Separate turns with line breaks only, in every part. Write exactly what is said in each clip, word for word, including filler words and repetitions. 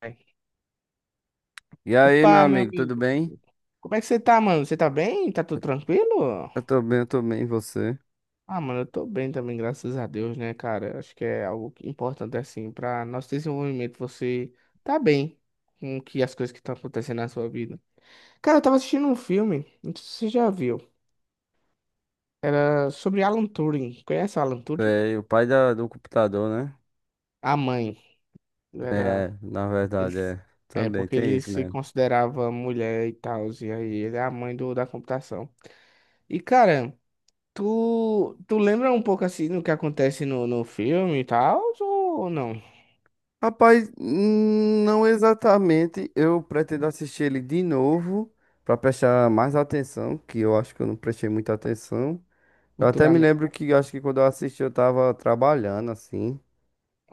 Ai.
E aí, meu
Opa, meu
amigo, tudo
amigo.
bem?
Como é que você tá, mano? Você tá bem? Tá tudo tranquilo?
Eu tô bem, eu tô bem, e você?
Ah, mano, eu tô bem também, graças a Deus, né, cara? Acho que é algo que- importante, assim, pra nosso desenvolvimento. Você tá bem com que as coisas que estão acontecendo na sua vida. Cara, eu tava assistindo um filme, não sei se você já viu. Era sobre Alan Turing. Conhece o Alan Turing?
É, e o pai da- do computador, né?
A mãe. Era.
É, na
Ele...
verdade, é.
É,
Também
porque
tem
ele
isso,
se
né?
considerava mulher e tal, e aí ele é a mãe do, da computação. E, cara. Tu, tu lembra um pouco assim do que acontece no, no filme e tal, ou não?
Rapaz, hum, não exatamente. Eu pretendo assistir ele de novo pra prestar mais atenção, que eu acho que eu não prestei muita atenção. Eu até me
Futuramente,
lembro
né?
que eu acho que quando eu assisti eu tava trabalhando assim,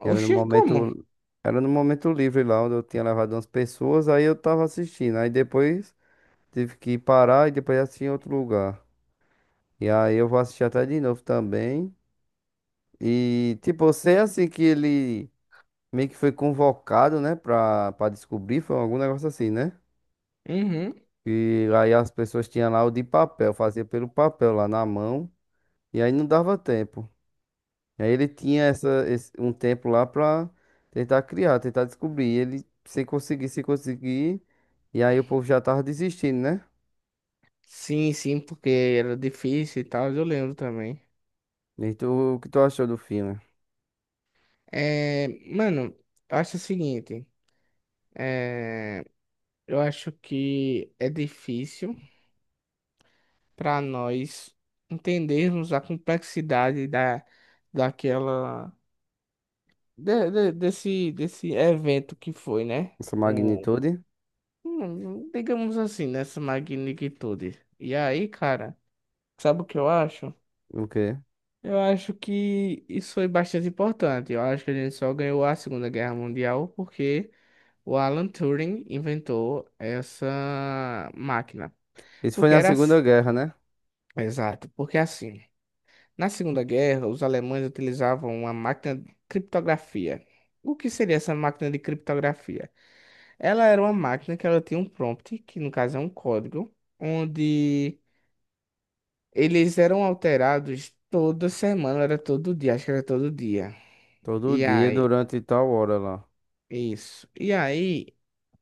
e era no
Oxi, como?
momento era no momento livre lá onde eu tinha levado umas pessoas, aí eu tava assistindo. Aí depois tive que parar e depois assistir em outro lugar. E aí eu vou assistir até de novo também. E, tipo, eu sei assim que ele meio que foi convocado, né, pra, pra descobrir, foi algum negócio assim, né?
Uhum.
E aí as pessoas tinham lá o de papel, fazia pelo papel lá na mão. E aí não dava tempo. E aí ele tinha essa, esse- um tempo lá pra tentar criar, tentar descobrir. E ele sem conseguir, sem conseguir. E aí o povo já tava desistindo, né?
Sim, sim, porque era difícil e tal, eu lembro também.
E tu, o que tu achou do filme?
É, mano, eu acho o seguinte, é, eu acho que é difícil para nós entendermos a complexidade da, daquela, de- de- desse, desse evento que foi, né?
Essa magnitude?
Hum, digamos assim, nessa magnitude. E aí, cara, sabe o que eu acho?
O quê?
Eu acho que isso foi bastante importante. Eu acho que a gente só ganhou a Segunda Guerra Mundial porque o Alan Turing inventou essa máquina.
Isso foi
Porque
na
era
Segunda
assim.
Guerra, né?
Exato, porque assim, na Segunda Guerra, os alemães utilizavam uma máquina de criptografia. O que seria essa máquina de criptografia? Ela era uma máquina que ela tinha um prompt, que no caso é um código, onde eles eram alterados toda semana, era todo dia, acho que era todo dia.
Todo
E
dia,
aí,
durante tal hora lá.
isso. E aí,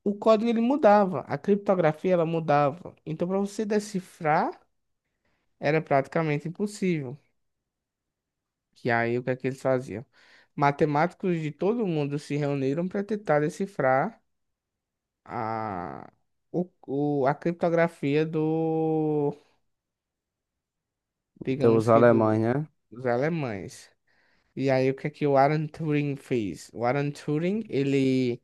o código ele mudava, a criptografia ela mudava. Então, para você decifrar, era praticamente impossível. Que aí, o que é que eles faziam? Matemáticos de todo mundo se reuniram para tentar decifrar a, o, o- a criptografia do,
Então, os
digamos que
alemães,
do,
né?
dos alemães. E aí, o que é que o Alan Turing fez? O Alan Turing, ele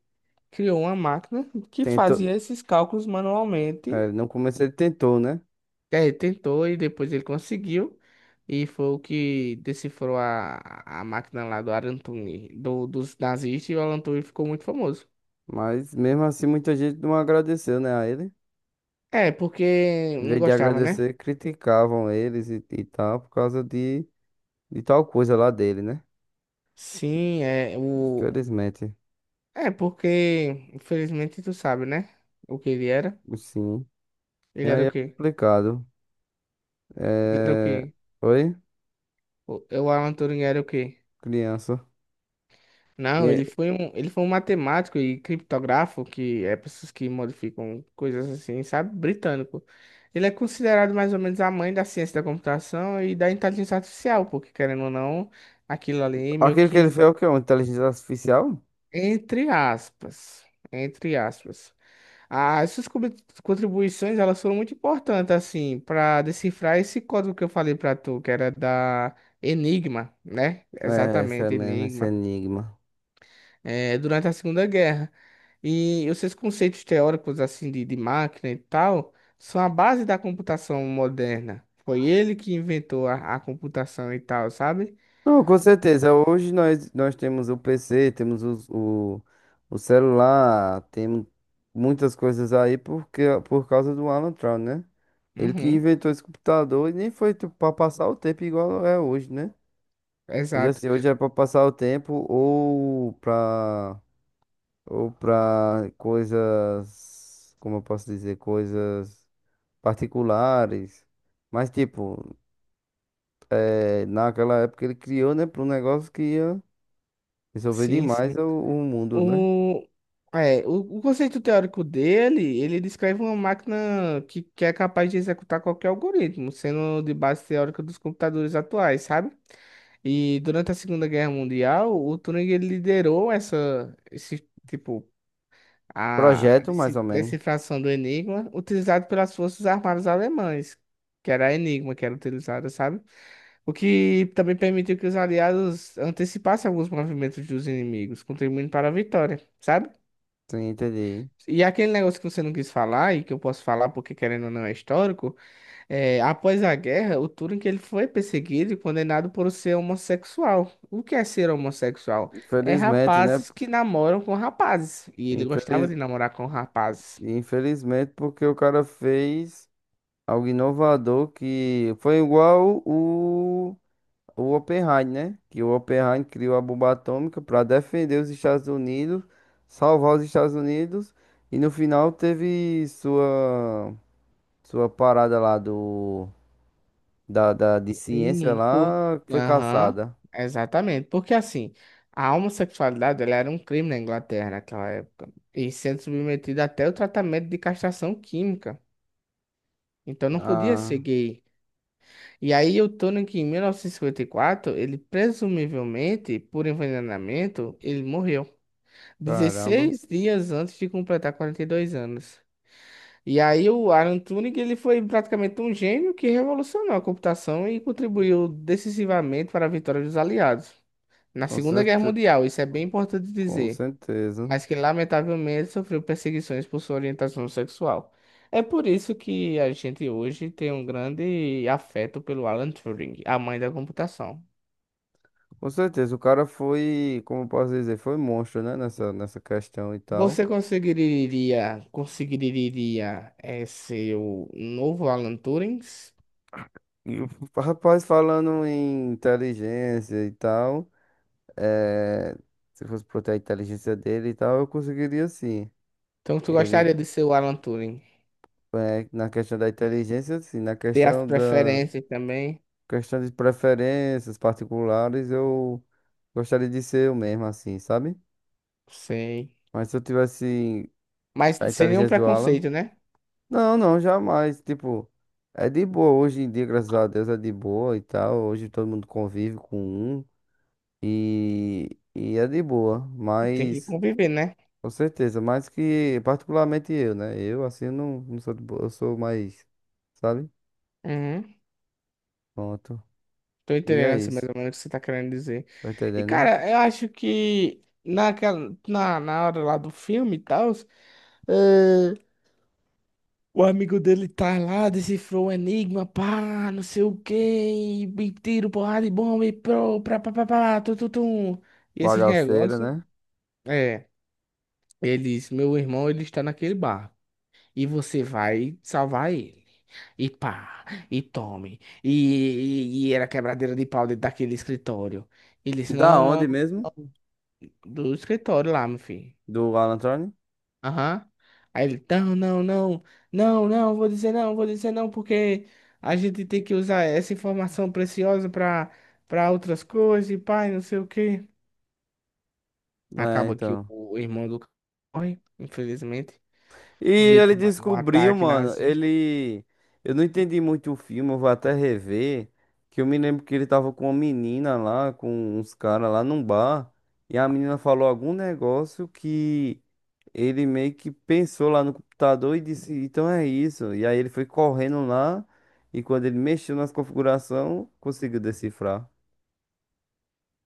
criou uma máquina que
Tentou.
fazia esses cálculos manualmente.
É, no começo ele tentou, né?
É, ele tentou e depois ele conseguiu. E foi o que decifrou a, a máquina lá do Alan Turing, do, dos nazistas, e o Alan Turing ficou muito famoso.
Mas mesmo assim, muita gente não agradeceu, né, a ele.
É, porque
Em
não
vez de
gostava, né?
agradecer, criticavam eles e, e tal, por causa de, de tal coisa lá dele, né?
Sim, é o.
Infelizmente.
É porque, infelizmente, tu sabe, né? O que ele era?
Sim. E
Ele era
aí
o
é
quê?
complicado.
Ele era o
É...
quê?
Oi,
O, o Alan Turing era o quê?
criança. E
Não, ele
é-
foi um, ele foi um matemático e criptógrafo, que é pessoas que modificam coisas assim, sabe? Britânico. Ele é considerado mais ou menos a mãe da ciência da computação e da inteligência artificial, porque querendo ou não, aquilo ali meio
Aquilo que ele fez
que
é o quê? Uma inteligência artificial?
entre aspas, entre aspas. As suas contribui- contribuições, elas foram muito importantes assim para decifrar esse código que eu falei para tu, que era da Enigma, né?
É, esse,
Exatamente,
ene- esse
Enigma.
enigma.
Eh, durante a Segunda Guerra. E os seus conceitos teóricos assim de, de máquina e tal são a base da computação moderna. Foi ele que inventou a, a computação e tal, sabe?
Não, com certeza. Hoje nós, nós temos o P C, temos os- o, o, celular, temos muitas coisas aí porque, por causa do Alan Turing, né? Ele que
Uhum,
inventou esse computador e nem foi para passar o tempo igual é hoje, né? Hoje
exato.
assim, hoje é para passar o tempo ou para ou para coisas, como eu posso dizer, coisas particulares. Mas tipo, é, naquela época ele criou, né, para um negócio que ia resolver
Sim,
demais
sim.
o, o mundo, né?
O, é, o, o conceito teórico dele, ele descreve uma máquina que, que é capaz de executar qualquer algoritmo, sendo de base teórica dos computadores atuais, sabe? E durante a Segunda Guerra Mundial, o Turing ele liderou essa, esse tipo a
Projeto, mais
deci-
ou menos.
decifração do Enigma, utilizado pelas Forças Armadas Alemãs, que era a Enigma que era utilizada, sabe? O que também permitiu que os aliados antecipassem alguns movimentos dos inimigos, contribuindo para a vitória, sabe?
Sim, entendi.
E aquele negócio que você não quis falar, e que eu posso falar porque querendo ou não é histórico, é, após a guerra, o Turing ele foi perseguido e condenado por ser homossexual. O que é ser homossexual? É
Infelizmente, né?
rapazes que namoram com rapazes, e ele gostava
Infeliz...
de namorar com rapazes.
Infelizmente, porque o cara fez algo inovador que foi igual o, o Oppenheim, né? Que o Oppenheim criou a bomba atômica para defender os Estados Unidos, salvar os Estados Unidos, e no final teve sua, sua parada lá do, da, da, de ciência
Sim, por...
lá, foi
Aham,
caçada.
exatamente. Porque assim, a homossexualidade ela era um crime na Inglaterra naquela época. E sendo submetida até o tratamento de castração química. Então não podia ser
Ah.
gay. E aí eu tô Tony, que em mil novecentos e e cinquenta e quatro ele presumivelmente, por envenenamento, ele morreu.
Caramba,
Dezesseis dias antes de completar quarenta e dois anos. E aí o Alan Turing ele foi praticamente um gênio que revolucionou a computação e contribuiu decisivamente para a vitória dos aliados na
com
Segunda Guerra
certe...
Mundial, isso é bem importante
com
dizer,
certeza.
mas que lamentavelmente sofreu perseguições por sua orientação sexual. É por isso que a gente hoje tem um grande afeto pelo Alan Turing, a mãe da computação.
Com certeza, o cara foi, como eu posso dizer, foi monstro, né, nessa, nessa questão e tal.
Você conseguiria, conseguiria eh, ser o novo Alan Turing?
E o rapaz falando em inteligência e tal, eh, se fosse proteger a inteligência dele e tal, eu conseguiria sim.
Então, tu
Ele,
gostaria de ser o Alan Turing?
eh, na questão da inteligência, sim, na
Ter as
questão da
preferências também?
questão de preferências particulares, eu gostaria de ser eu mesmo, assim, sabe?
Sei.
Mas se eu tivesse
Mas
a
sem nenhum
inteligência do Alan.
preconceito, né?
Não, não, jamais. Tipo, é de boa. Hoje em dia, graças a Deus, é de boa e tal. Hoje todo mundo convive com um e, e é de boa.
Tem que
Mas,
conviver, né?
com certeza, mais que particularmente eu, né? Eu, assim, eu não, não sou de boa. Eu sou mais, sabe?
Uhum.
Pronto.
Tô
E é
entendendo assim
isso.
mais ou menos o que você tá querendo dizer.
Tá
E,
entendendo, né?
cara, eu acho que naquela, na, na hora lá do filme e tal, eh, o amigo dele tá lá, decifrou o enigma, pá, não sei o quê, e, e tiro, porrada e bomba, e pro, pra, pá, pá, pá, tu, tu, tu. E esse
Bagaceiro,
negócio,
né?
é, ele disse, meu irmão, ele está naquele bar, e você vai salvar ele. E pá, e tome. E, e, e era quebradeira de pau dentro daquele escritório. Ele disse,
Da
não,
onde
não.
mesmo?
Do escritório lá, meu filho.
Do Alan Thorne?
Aham. Aí ele, não, não, não, não, não, vou dizer não, vou dizer não, porque a gente tem que usar essa informação preciosa pra, pra outras coisas e pai, não sei o quê.
É,
Acaba que o,
então.
o irmão do cara morre, infelizmente,
E ele
vítima de um
descobriu,
ataque
mano,
nazista.
ele. Eu não entendi muito o filme, eu vou até rever. Que eu me lembro que ele tava com uma menina lá, com uns caras lá num bar. E a menina falou algum negócio que ele meio que pensou lá no computador e disse, então é isso. E aí ele foi correndo lá. E quando ele mexeu nas configurações, conseguiu decifrar. Não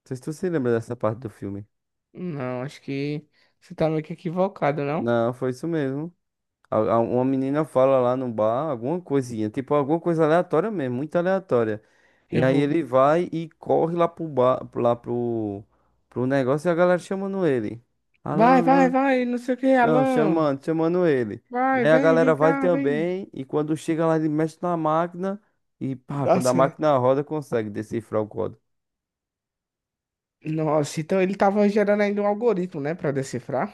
sei se tu se lembra dessa parte do filme.
Não, acho que você tá meio que equivocado, não?
Não, foi isso mesmo. A- a- Uma menina fala lá no bar alguma coisinha, tipo alguma coisa aleatória mesmo, muito aleatória. E
Eu
aí ele
vou.
vai e corre lá pro bar, lá pro, pro negócio e a galera chamando ele. Alan,
Vai, vai,
Alan,
vai, não sei o que,
não,
Alan.
chamando, chamando ele. E
Vai,
aí a
vem,
galera
vem
vai
cá, vem.
também e quando chega lá ele mexe na máquina e pá,
Dá
quando a
certo.
máquina roda consegue decifrar o código.
Nossa, então ele tava gerando ainda um algoritmo, né, pra decifrar.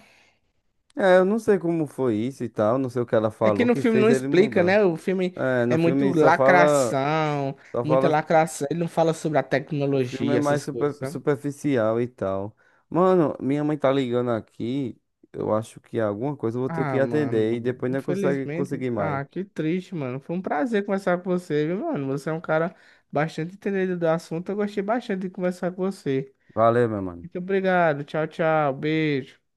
É, eu não sei como foi isso e tal, não sei o que ela
É que
falou
no
que
filme
fez
não
ele
explica,
mudar.
né? O filme
É, no
é muito
filme só fala,
lacração,
só
muita
fala.
lacração. Ele não fala sobre a
O filme é
tecnologia,
mais
essas
super-
coisas, sabe?
superficial e tal. Mano, minha mãe tá ligando aqui. Eu acho que alguma coisa eu vou ter que
Ah,
atender e
mano,
depois não consegue
infelizmente.
conseguir mais.
Ah, que triste, mano. Foi um prazer conversar com você, viu, mano? Você é um cara bastante entendido do assunto. Eu gostei bastante de conversar com você.
Valeu, meu mano.
Muito obrigado. Tchau, tchau. Beijo.